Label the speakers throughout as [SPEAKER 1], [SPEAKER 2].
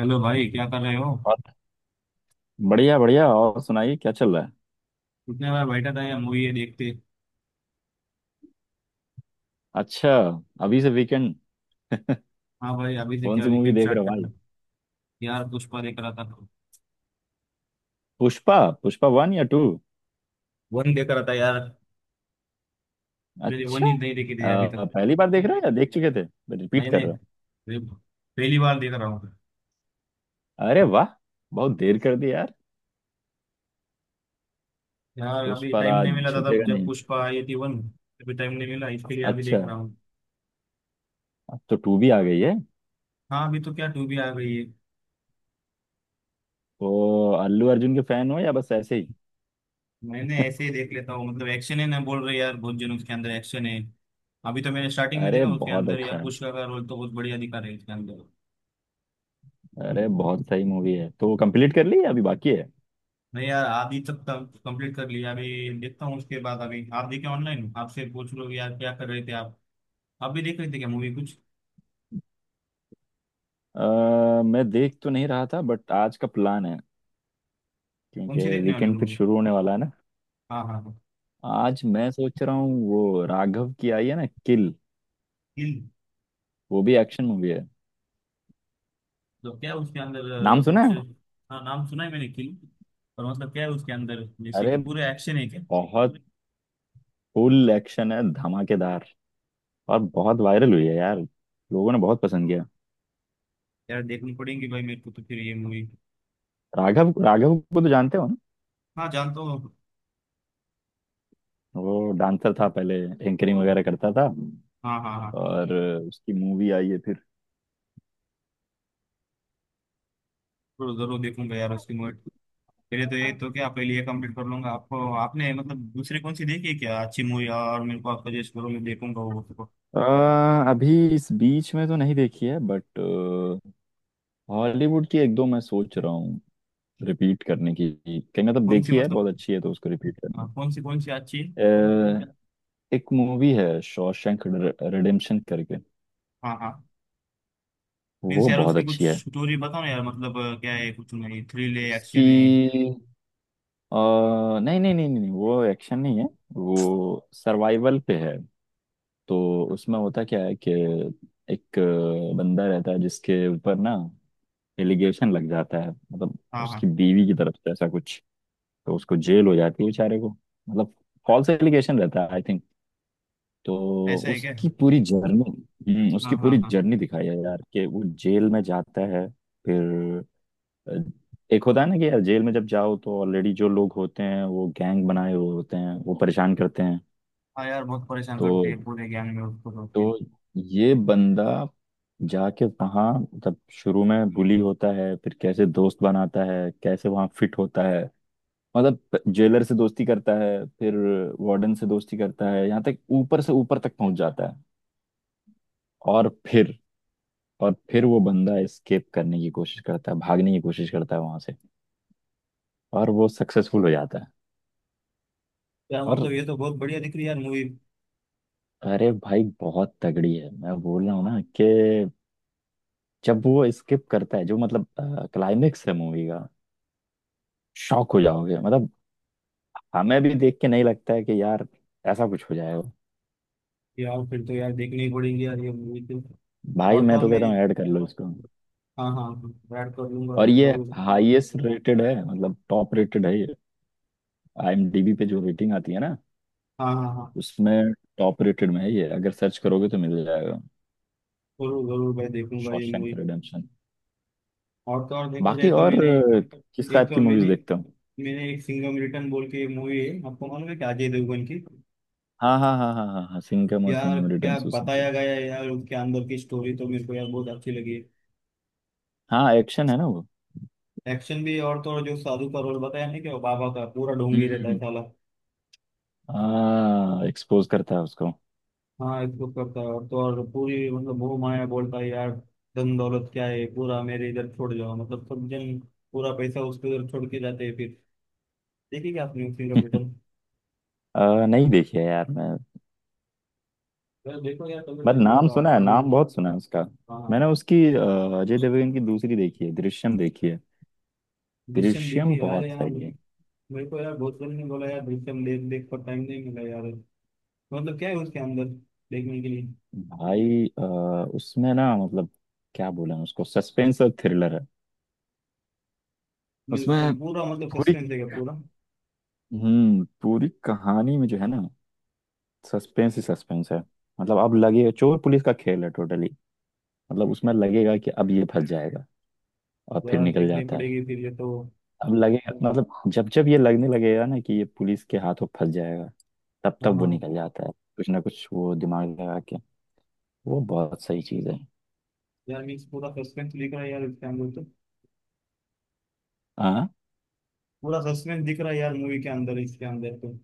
[SPEAKER 1] Hello भाई, क्या कर रहे हो?
[SPEAKER 2] और बढ़िया बढ़िया। और सुनाइए क्या चल रहा है।
[SPEAKER 1] कितने बार बैठा था यार मूवी ये देखते।
[SPEAKER 2] अच्छा, अभी से वीकेंड।
[SPEAKER 1] हाँ भाई, अभी से
[SPEAKER 2] कौन
[SPEAKER 1] क्या
[SPEAKER 2] सी मूवी
[SPEAKER 1] वीकेंड
[SPEAKER 2] देख रहे
[SPEAKER 1] स्टार्ट
[SPEAKER 2] हो
[SPEAKER 1] कर
[SPEAKER 2] वाल?
[SPEAKER 1] दूँ। यार पुष्पा देख रहा था।
[SPEAKER 2] पुष्पा। पुष्पा वन या टू?
[SPEAKER 1] वन देख रहा था यार। मैंने
[SPEAKER 2] अच्छा।
[SPEAKER 1] वन ही नहीं देखी थी अभी तक।
[SPEAKER 2] पहली बार देख रहे हो या देख चुके थे? रिपीट
[SPEAKER 1] नहीं
[SPEAKER 2] कर
[SPEAKER 1] नहीं,
[SPEAKER 2] रहे हो?
[SPEAKER 1] ये पहली बार देख रहा हूँ।
[SPEAKER 2] अरे वाह, बहुत देर कर दी यार।
[SPEAKER 1] यार अभी
[SPEAKER 2] पुष्पा
[SPEAKER 1] टाइम
[SPEAKER 2] राज
[SPEAKER 1] नहीं मिला था
[SPEAKER 2] झुकेगा
[SPEAKER 1] तब जब
[SPEAKER 2] नहीं।
[SPEAKER 1] पुष्पा आई थी वन। अभी टाइम नहीं मिला इसके लिए, अभी
[SPEAKER 2] अच्छा,
[SPEAKER 1] देख रहा हूँ।
[SPEAKER 2] अब तो टू भी आ गई है।
[SPEAKER 1] हाँ, अभी तो क्या टू भी आ गई है।
[SPEAKER 2] तो अल्लू अर्जुन के फैन हो या बस ऐसे ही?
[SPEAKER 1] मैंने ऐसे ही देख लेता हूँ, मतलब एक्शन है ना, बोल रहे यार बहुत जन उसके अंदर एक्शन है। अभी तो मैंने स्टार्टिंग में
[SPEAKER 2] अरे
[SPEAKER 1] देखा उसके
[SPEAKER 2] बहुत
[SPEAKER 1] अंदर,
[SPEAKER 2] अच्छा
[SPEAKER 1] यार
[SPEAKER 2] है।
[SPEAKER 1] पुष्पा का रोल तो बहुत बढ़िया दिखा रहे हैं उसके अंदर।
[SPEAKER 2] अरे बहुत सही मूवी है। तो कंप्लीट कर ली या अभी बाकी है?
[SPEAKER 1] नहीं यार, आधी तक कंप्लीट कर लिया, अभी देखता हूँ उसके बाद। अभी आप देखे ऑनलाइन, आपसे पूछ लो यार क्या कर रहे थे आप? आप भी देख रहे थे क्या मूवी कुछ?
[SPEAKER 2] मैं देख तो नहीं रहा था, बट आज का प्लान है।
[SPEAKER 1] कौन
[SPEAKER 2] क्योंकि
[SPEAKER 1] सी देखने वाले
[SPEAKER 2] वीकेंड फिर
[SPEAKER 1] मूवी?
[SPEAKER 2] शुरू होने वाला है ना।
[SPEAKER 1] हाँ हाँ हाँ।
[SPEAKER 2] आज मैं सोच रहा हूँ वो राघव की आई है ना, किल।
[SPEAKER 1] किल?
[SPEAKER 2] वो भी एक्शन मूवी है।
[SPEAKER 1] तो क्या उसके अंदर?
[SPEAKER 2] नाम सुना
[SPEAKER 1] कुछ।
[SPEAKER 2] है।
[SPEAKER 1] हाँ नाम सुना है मैंने किल। पर मतलब क्या है उसके अंदर, जैसे
[SPEAKER 2] अरे
[SPEAKER 1] कि पूरे एक्शन है क्या?
[SPEAKER 2] बहुत, फुल एक्शन है, धमाकेदार। और बहुत वायरल हुई है यार। लोगों ने बहुत पसंद किया।
[SPEAKER 1] यार देखनी पड़ेगी भाई मेरे को तो फिर ये मूवी।
[SPEAKER 2] राघव, राघव को तो जानते हो ना।
[SPEAKER 1] हाँ जानता हूँ।
[SPEAKER 2] वो डांसर था पहले, एंकरिंग वगैरह करता था।
[SPEAKER 1] हाँ हाँ हाँ।
[SPEAKER 2] और उसकी मूवी आई है फिर।
[SPEAKER 1] जरूर जरूर देखूंगा यार उसकी मूवी। पहले तो ये तो क्या, पहले ये कंप्लीट कर लूंगा। आपको, आपने मतलब दूसरी कौन सी देखी है क्या अच्छी मूवी, और मेरे को आप सजेस्ट करो, मैं देखूंगा वो।
[SPEAKER 2] अ, अभी इस बीच में तो नहीं देखी है, बट हॉलीवुड की एक दो मैं सोच रहा हूँ रिपीट करने की। कहीं मतलब
[SPEAKER 1] कौन सी
[SPEAKER 2] देखी है
[SPEAKER 1] मतलब।
[SPEAKER 2] बहुत अच्छी है तो उसको रिपीट करने।
[SPEAKER 1] हाँ, कौन सी अच्छी है?
[SPEAKER 2] अ, एक मूवी है शॉशैंक रिडेम्पशन करके।
[SPEAKER 1] हाँ हाँ। मीन्स
[SPEAKER 2] वो
[SPEAKER 1] यार
[SPEAKER 2] बहुत
[SPEAKER 1] उसकी कुछ
[SPEAKER 2] अच्छी है।
[SPEAKER 1] स्टोरी बताओ ना यार, मतलब क्या है कुछ नहीं, थ्रिल है,
[SPEAKER 2] उसकी
[SPEAKER 1] एक्शन है?
[SPEAKER 2] नहीं नहीं नहीं नहीं नहीं, वो एक्शन नहीं है। वो सर्वाइवल पे है। तो उसमें होता क्या है कि एक बंदा रहता है, जिसके ऊपर ना एलिगेशन लग जाता है, मतलब
[SPEAKER 1] हाँ हाँ।
[SPEAKER 2] उसकी बीवी की तरफ से ऐसा कुछ। तो उसको जेल हो जाती है बेचारे को, मतलब फॉल्स एलिगेशन रहता है, आई थिंक। तो
[SPEAKER 1] ऐसा है क्या?
[SPEAKER 2] उसकी पूरी जर्नी, उसकी
[SPEAKER 1] हाँ
[SPEAKER 2] पूरी
[SPEAKER 1] हाँ हाँ।
[SPEAKER 2] जर्नी दिखाई है यार, कि वो जेल में जाता है। फिर अ, एक होता है ना कि यार जेल में जब जाओ तो ऑलरेडी जो लोग होते हैं वो गैंग बनाए हुए होते हैं, वो परेशान करते हैं।
[SPEAKER 1] हाँ यार बहुत परेशान
[SPEAKER 2] तो
[SPEAKER 1] करते हैं पूरे ज्ञान में उसको, तो फिर?
[SPEAKER 2] तो ये बंदा जाके वहाँ, मतलब शुरू में बुली होता है, फिर कैसे दोस्त बनाता है, कैसे वहाँ फिट होता है। मतलब जेलर से दोस्ती करता है, फिर वार्डन से दोस्ती करता है, यहाँ तक ऊपर से ऊपर तक पहुंच जाता है। और फिर, और फिर वो बंदा एस्केप करने की कोशिश करता है, भागने की कोशिश करता है वहां से। और वो सक्सेसफुल हो जाता है।
[SPEAKER 1] यार
[SPEAKER 2] और
[SPEAKER 1] मतलब ये तो बहुत बढ़िया दिख रही है यार मूवी।
[SPEAKER 2] अरे भाई बहुत तगड़ी है, मैं बोल रहा हूँ ना कि जब वो एस्केप करता है जो मतलब क्लाइमेक्स है मूवी का, शॉक हो जाओगे मतलब। हमें भी देख के नहीं लगता है कि यार ऐसा कुछ हो जाएगा।
[SPEAKER 1] यार फिर तो यार देखनी ही पड़ेगी यार ये मूवी तो।
[SPEAKER 2] भाई
[SPEAKER 1] और तो
[SPEAKER 2] मैं
[SPEAKER 1] और
[SPEAKER 2] तो कहता
[SPEAKER 1] मैंने।
[SPEAKER 2] हूँ ऐड कर लो उसको।
[SPEAKER 1] हाँ हाँ, ऐड कर लूंगा
[SPEAKER 2] और
[SPEAKER 1] यार
[SPEAKER 2] ये
[SPEAKER 1] जरूर।
[SPEAKER 2] हाईएस्ट रेटेड है, मतलब टॉप रेटेड है ये। आईएमडीबी पे जो रेटिंग आती है ना,
[SPEAKER 1] हाँ हाँ हाँ।
[SPEAKER 2] उसमें टॉप रेटेड में है ये। अगर सर्च करोगे तो मिल जाएगा,
[SPEAKER 1] जरूर जरूर भाई देखूंगा ये
[SPEAKER 2] शॉशैंक
[SPEAKER 1] मूवी।
[SPEAKER 2] रिडेम्पशन।
[SPEAKER 1] और तो और देखा
[SPEAKER 2] बाकी
[SPEAKER 1] जाए तो
[SPEAKER 2] और
[SPEAKER 1] मैंने।
[SPEAKER 2] किस
[SPEAKER 1] एक
[SPEAKER 2] टाइप की
[SPEAKER 1] तो
[SPEAKER 2] मूवीज
[SPEAKER 1] मैंने,
[SPEAKER 2] देखते हो?
[SPEAKER 1] मैंने एक सिंघम रिटर्न बोल के मूवी है, आपको मालूम है क्या, अजय देवगन की?
[SPEAKER 2] हाँ हाँ हाँ हाँ हाँ हाँ, सिंघम और
[SPEAKER 1] यार
[SPEAKER 2] सिंघम
[SPEAKER 1] क्या
[SPEAKER 2] रिटर्न्स उसी।
[SPEAKER 1] बताया गया है यार उनके अंदर की स्टोरी, तो मेरे को यार बहुत अच्छी लगी।
[SPEAKER 2] हाँ एक्शन है ना वो।
[SPEAKER 1] एक्शन भी, और तो और जो साधु का रोल बताया नहीं, कि वो बाबा का पूरा
[SPEAKER 2] हम्म
[SPEAKER 1] ढोंगी
[SPEAKER 2] हम्म
[SPEAKER 1] रहता है
[SPEAKER 2] हम्म।
[SPEAKER 1] साला।
[SPEAKER 2] हाँ एक्सपोज करता है उसको।
[SPEAKER 1] हाँ इसको करता है, और तो और पूरी मतलब मोह माया बोलता है यार, धन दौलत क्या है, पूरा मेरे इधर छोड़ जाओ, मतलब सब जन पूरा पैसा उसके उधर छोड़ के जाते हैं फिर। देखिए क्या आपने सिंगम रिटर्न।
[SPEAKER 2] नहीं देखी है यार मैं,
[SPEAKER 1] यार देखो यार कभी
[SPEAKER 2] बट
[SPEAKER 1] टाइम मिला
[SPEAKER 2] नाम
[SPEAKER 1] तो
[SPEAKER 2] सुना है,
[SPEAKER 1] आपको भी।
[SPEAKER 2] नाम बहुत सुना है उसका। मैंने
[SPEAKER 1] हाँ।
[SPEAKER 2] उसकी अजय देवगन की दूसरी देखी है, दृश्यम देखी है।
[SPEAKER 1] दृश्यम
[SPEAKER 2] दृश्यम
[SPEAKER 1] देखिए यार
[SPEAKER 2] बहुत
[SPEAKER 1] यार।
[SPEAKER 2] सही है।
[SPEAKER 1] मेरे को यार बहुत जन ने बोला यार दृश्यम देख देख, पर टाइम नहीं मिला यार। मतलब क्या है उसके अंदर देखने के लिए?
[SPEAKER 2] भाई उसमें ना मतलब क्या बोले उसको, सस्पेंस और थ्रिलर है।
[SPEAKER 1] मीन्स
[SPEAKER 2] उसमें
[SPEAKER 1] पूरा मतलब
[SPEAKER 2] पूरी,
[SPEAKER 1] सस्पेंस है क्या पूरा?
[SPEAKER 2] पूरी कहानी में जो है ना, सस्पेंस ही सस्पेंस है। मतलब अब लगे चोर पुलिस का खेल है टोटली। मतलब उसमें लगेगा कि अब ये फंस जाएगा, और फिर
[SPEAKER 1] यार
[SPEAKER 2] निकल
[SPEAKER 1] देखनी
[SPEAKER 2] जाता है।
[SPEAKER 1] पड़ेगी फिर ये तो।
[SPEAKER 2] अब लगेगा, मतलब जब जब ये लगने लगेगा ना कि ये पुलिस के हाथों फंस जाएगा, तब तक
[SPEAKER 1] हाँ
[SPEAKER 2] वो
[SPEAKER 1] हाँ।
[SPEAKER 2] निकल जाता है कुछ ना कुछ वो दिमाग लगा के। वो बहुत सही चीज है।
[SPEAKER 1] यार मीन्स पूरा सस्पेंस दिख रहा है यार इसके अंदर तो।
[SPEAKER 2] हाँ,
[SPEAKER 1] पूरा सस्पेंस दिख रहा है यार मूवी के अंदर, इसके अंदर तो।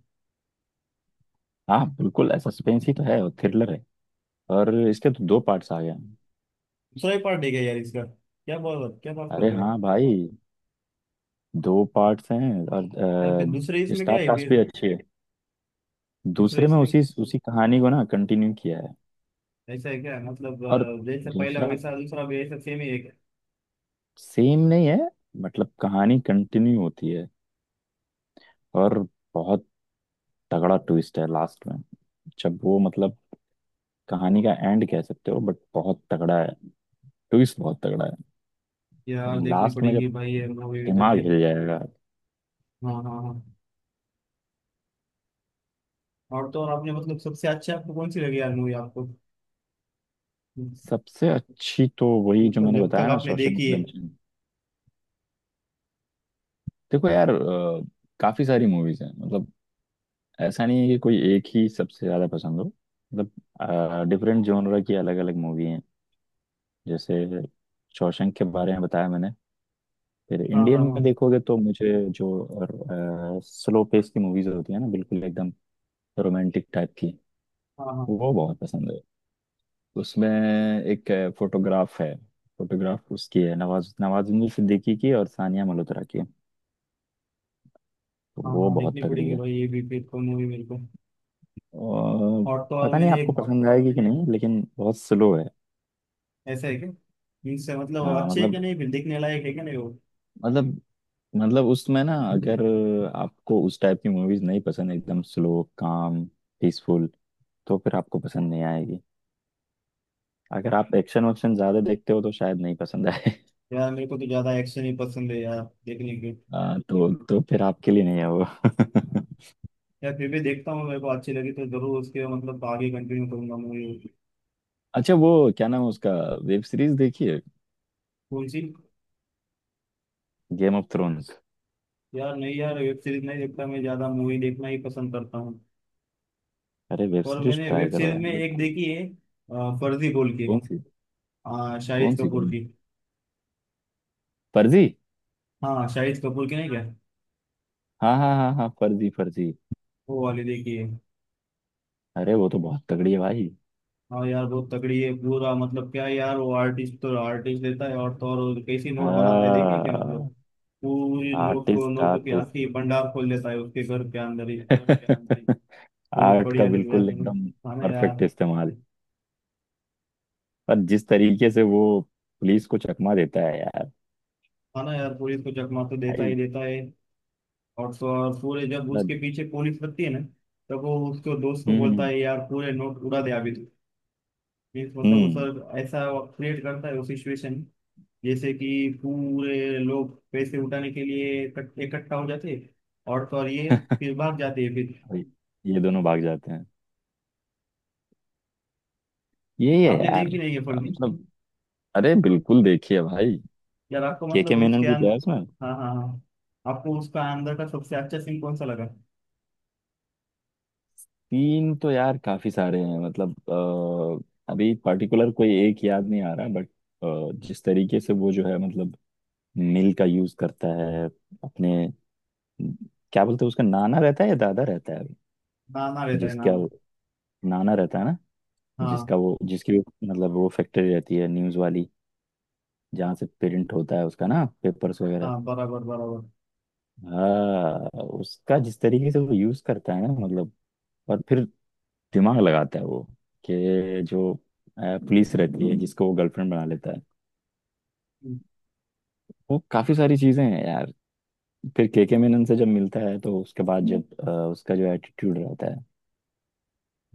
[SPEAKER 2] हाँ बिल्कुल सस्पेंस ही तो है और थ्रिलर है। और इसके तो दो पार्ट्स आ गए हैं।
[SPEAKER 1] दूसरा ही पार्ट है क्या यार इसका? क्या बात कर
[SPEAKER 2] अरे
[SPEAKER 1] रहे हो
[SPEAKER 2] हाँ
[SPEAKER 1] आप।
[SPEAKER 2] भाई, दो पार्ट्स हैं।
[SPEAKER 1] यार फिर
[SPEAKER 2] और
[SPEAKER 1] दूसरे इसमें क्या
[SPEAKER 2] स्टार
[SPEAKER 1] है
[SPEAKER 2] कास्ट भी
[SPEAKER 1] फिर?
[SPEAKER 2] अच्छी है।
[SPEAKER 1] दूसरे
[SPEAKER 2] दूसरे में
[SPEAKER 1] इसमें
[SPEAKER 2] उसी उसी कहानी को ना कंटिन्यू किया है।
[SPEAKER 1] ऐसा है क्या, मतलब
[SPEAKER 2] और
[SPEAKER 1] जैसा पहला
[SPEAKER 2] दूसरा
[SPEAKER 1] वैसा दूसरा भी ऐसा सेम ही है क्या?
[SPEAKER 2] सेम नहीं है, मतलब कहानी कंटिन्यू होती है। और बहुत तगड़ा ट्विस्ट है लास्ट में, जब वो मतलब कहानी का एंड कह सकते हो, बट बहुत तगड़ा है ट्विस्ट, बहुत तगड़ा
[SPEAKER 1] यार
[SPEAKER 2] है
[SPEAKER 1] देखनी
[SPEAKER 2] लास्ट में। जब
[SPEAKER 1] पड़ेगी भाई ये मूवी तो
[SPEAKER 2] दिमाग
[SPEAKER 1] फिर।
[SPEAKER 2] हिल जाएगा।
[SPEAKER 1] हाँ हाँ हाँ। और तो और आपने मतलब सबसे अच्छी आपको कौन सी लगी यार मूवी आपको,
[SPEAKER 2] सबसे अच्छी तो वही जो
[SPEAKER 1] मतलब
[SPEAKER 2] मैंने
[SPEAKER 1] जब तक
[SPEAKER 2] बताया ना,
[SPEAKER 1] आपने
[SPEAKER 2] शॉशैंक
[SPEAKER 1] देखी है?
[SPEAKER 2] रिडेम्पशन। देखो यार, काफी सारी मूवीज हैं, मतलब ऐसा नहीं है कि कोई एक ही सबसे ज्यादा पसंद हो। मतलब डिफरेंट जॉनरा की अलग अलग मूवी हैं। जैसे शॉशैंक के बारे में बताया मैंने। फिर
[SPEAKER 1] हाँ
[SPEAKER 2] इंडियन
[SPEAKER 1] हाँ
[SPEAKER 2] में
[SPEAKER 1] हाँ
[SPEAKER 2] देखोगे तो मुझे जो स्लो पेस की मूवीज होती है ना बिल्कुल एकदम, रोमांटिक टाइप की,
[SPEAKER 1] हाँ हाँ
[SPEAKER 2] वो बहुत पसंद है। उसमें एक फोटोग्राफ है। फोटोग्राफ उसकी है, नवाज, नवाजुद्दीन सिद्दीकी की और सानिया मल्होत्रा की। तो
[SPEAKER 1] हाँ
[SPEAKER 2] वो
[SPEAKER 1] हाँ।
[SPEAKER 2] बहुत
[SPEAKER 1] देखनी
[SPEAKER 2] तगड़ी
[SPEAKER 1] पड़ेगी
[SPEAKER 2] है।
[SPEAKER 1] भाई ये भी फिर को मूवी मेरे को।
[SPEAKER 2] और
[SPEAKER 1] और तो और
[SPEAKER 2] पता नहीं
[SPEAKER 1] मैंने
[SPEAKER 2] आपको
[SPEAKER 1] एक।
[SPEAKER 2] पसंद आएगी कि नहीं लेकिन बहुत स्लो है।
[SPEAKER 1] ऐसा है क्या? मीन्स मतलब
[SPEAKER 2] हाँ
[SPEAKER 1] अच्छे है कि
[SPEAKER 2] मतलब,
[SPEAKER 1] नहीं, फिर देखने लायक है कि नहीं वो?
[SPEAKER 2] मतलब मतलब उसमें ना अगर आपको उस टाइप की मूवीज नहीं पसंद, एकदम स्लो काम, पीसफुल, तो फिर आपको पसंद नहीं आएगी। अगर आप एक्शन वक्शन ज्यादा देखते हो तो शायद नहीं पसंद आए।
[SPEAKER 1] यार मेरे को तो ज्यादा एक्शन ही पसंद है यार देखने के।
[SPEAKER 2] तो फिर आपके लिए नहीं है वो।
[SPEAKER 1] यार फिर भी देखता हूँ, मेरे को अच्छी लगी तो जरूर उसके मतलब आगे कंटिन्यू करूंगा मूवी।
[SPEAKER 2] अच्छा, वो क्या नाम है उसका, वेब सीरीज देखिए,
[SPEAKER 1] कौन सी?
[SPEAKER 2] Game of Thrones.
[SPEAKER 1] यार नहीं यार, वेब सीरीज नहीं देखता मैं, ज्यादा मूवी देखना ही पसंद करता हूँ।
[SPEAKER 2] अरे वेब
[SPEAKER 1] और
[SPEAKER 2] सीरीज
[SPEAKER 1] मैंने
[SPEAKER 2] ट्राई
[SPEAKER 1] वेब
[SPEAKER 2] करो
[SPEAKER 1] सीरीज
[SPEAKER 2] यार
[SPEAKER 1] में एक
[SPEAKER 2] बिल्कुल।
[SPEAKER 1] देखी है, फर्जी बोल के।
[SPEAKER 2] कौन सी, कौन
[SPEAKER 1] शाहिद
[SPEAKER 2] सी?
[SPEAKER 1] कपूर
[SPEAKER 2] कौन सी
[SPEAKER 1] की।
[SPEAKER 2] फर्जी?
[SPEAKER 1] हाँ शाहिद कपूर की नहीं क्या,
[SPEAKER 2] हाँ हाँ हाँ हाँ फर्जी फर्जी।
[SPEAKER 1] वो वाली देखी है।
[SPEAKER 2] अरे वो तो बहुत तगड़ी है भाई।
[SPEAKER 1] हाँ यार बहुत तगड़ी है, पूरा मतलब क्या यार, वो आर्टिस्ट तो आर्टिस्ट देता है, और तो और कैसी नोट बनाता है, देखिए क्या मतलब,
[SPEAKER 2] हाँ।
[SPEAKER 1] पूरी नोट को
[SPEAKER 2] आर्टिस्ट,
[SPEAKER 1] नोट की आखिरी भंडार खोल देता है उसके घर के अंदर ही।
[SPEAKER 2] आर्टिस्ट।
[SPEAKER 1] बहुत
[SPEAKER 2] आर्ट का
[SPEAKER 1] बढ़िया लगे यार
[SPEAKER 2] बिल्कुल
[SPEAKER 1] मुझे।
[SPEAKER 2] एकदम
[SPEAKER 1] खाना
[SPEAKER 2] परफेक्ट
[SPEAKER 1] यार।
[SPEAKER 2] इस्तेमाल। पर जिस तरीके से वो पुलिस को चकमा देता है यार,
[SPEAKER 1] खाना यार, पुलिस को चकमा तो देता
[SPEAKER 2] भाई।
[SPEAKER 1] ही देता है। और तो और पूरे जब
[SPEAKER 2] मतलब,
[SPEAKER 1] उसके पीछे पुलिस लगती है ना, तब वो उसको दोस्त को
[SPEAKER 2] हम्म
[SPEAKER 1] बोलता
[SPEAKER 2] हम्म
[SPEAKER 1] है यार पूरे नोट उड़ा दे अभी तो। मीन्स मतलब उस,
[SPEAKER 2] हम्म,
[SPEAKER 1] ऐसा क्रिएट करता है वो सिचुएशन, जैसे कि पूरे लोग पैसे उठाने के लिए इकट्ठा हो जाते हैं, और तो और ये फिर भाग जाते हैं फिर।
[SPEAKER 2] भाई, ये दोनों भाग जाते हैं। यही है
[SPEAKER 1] आपने
[SPEAKER 2] यार
[SPEAKER 1] देख भी नहीं है फिल्म?
[SPEAKER 2] मतलब, अरे बिल्कुल देखिए भाई।
[SPEAKER 1] यार आपको
[SPEAKER 2] के
[SPEAKER 1] मतलब
[SPEAKER 2] मेनन
[SPEAKER 1] उसके
[SPEAKER 2] भी तो है उसमें।
[SPEAKER 1] अंदर। हाँ हाँ हाँ। आपको उसका अंदर का सबसे अच्छा सीन कौन सा लगा?
[SPEAKER 2] तीन तो यार काफी सारे हैं मतलब, अभी पर्टिकुलर कोई एक याद नहीं आ रहा, बट जिस तरीके से वो जो है मतलब मिल का यूज करता है अपने, क्या बोलते हैं उसका, नाना रहता है या दादा रहता है,
[SPEAKER 1] नाना रहता है,
[SPEAKER 2] जिसका
[SPEAKER 1] नाना।
[SPEAKER 2] नाना रहता है ना,
[SPEAKER 1] हाँ
[SPEAKER 2] जिसका वो जिसकी वो, मतलब वो फैक्ट्री रहती है न्यूज वाली, जहाँ से प्रिंट होता है उसका ना, पेपर्स वगैरह।
[SPEAKER 1] हाँ, बराबर बराबर।
[SPEAKER 2] हाँ उसका जिस तरीके से वो यूज करता है ना, मतलब, और फिर दिमाग लगाता है वो, कि जो पुलिस रहती है जिसको वो गर्लफ्रेंड बना लेता है।
[SPEAKER 1] हम्म।
[SPEAKER 2] वो काफी सारी चीजें हैं यार। फिर केके मेनन से जब मिलता है तो उसके बाद जब उसका जो एटीट्यूड रहता है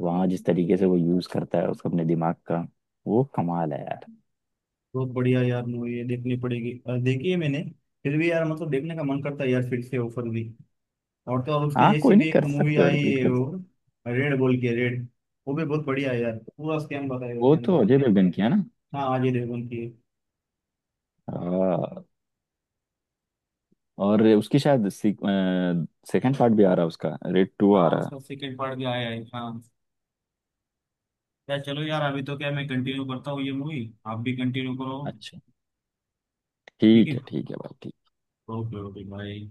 [SPEAKER 2] वहाँ, जिस तरीके से वो यूज करता है उसको अपने दिमाग का, वो कमाल है यार।
[SPEAKER 1] बहुत बढ़िया यार मूवी ये, देखनी पड़ेगी। देखी है मैंने, फिर भी यार मतलब देखने का मन करता है यार फिर से ऑफर भी। और तो और उसके
[SPEAKER 2] हाँ
[SPEAKER 1] जैसी
[SPEAKER 2] कोई नहीं,
[SPEAKER 1] भी एक
[SPEAKER 2] कर
[SPEAKER 1] मूवी
[SPEAKER 2] सकते हो
[SPEAKER 1] आई
[SPEAKER 2] रिपीट
[SPEAKER 1] है
[SPEAKER 2] कर।
[SPEAKER 1] वो, रेड बोल के, रेड। वो भी बहुत बढ़िया है यार, पूरा स्कैम बताया है
[SPEAKER 2] वो
[SPEAKER 1] उसके
[SPEAKER 2] तो
[SPEAKER 1] अंदर।
[SPEAKER 2] अजय देवगन की है ना।
[SPEAKER 1] हाँ अजय देवगन की है।
[SPEAKER 2] हाँ, और उसकी शायद सेकंड पार्ट भी आ रहा है, उसका रेड टू आ
[SPEAKER 1] हाँ
[SPEAKER 2] रहा है।
[SPEAKER 1] उसका सेकंड पार्ट भी आया है, हाँ। यार चलो यार, अभी तो क्या मैं कंटिन्यू करता हूँ ये मूवी। आप भी कंटिन्यू करो।
[SPEAKER 2] अच्छा,
[SPEAKER 1] ठीक है।
[SPEAKER 2] ठीक है भाई, ठीक।
[SPEAKER 1] ओके ओके भाई।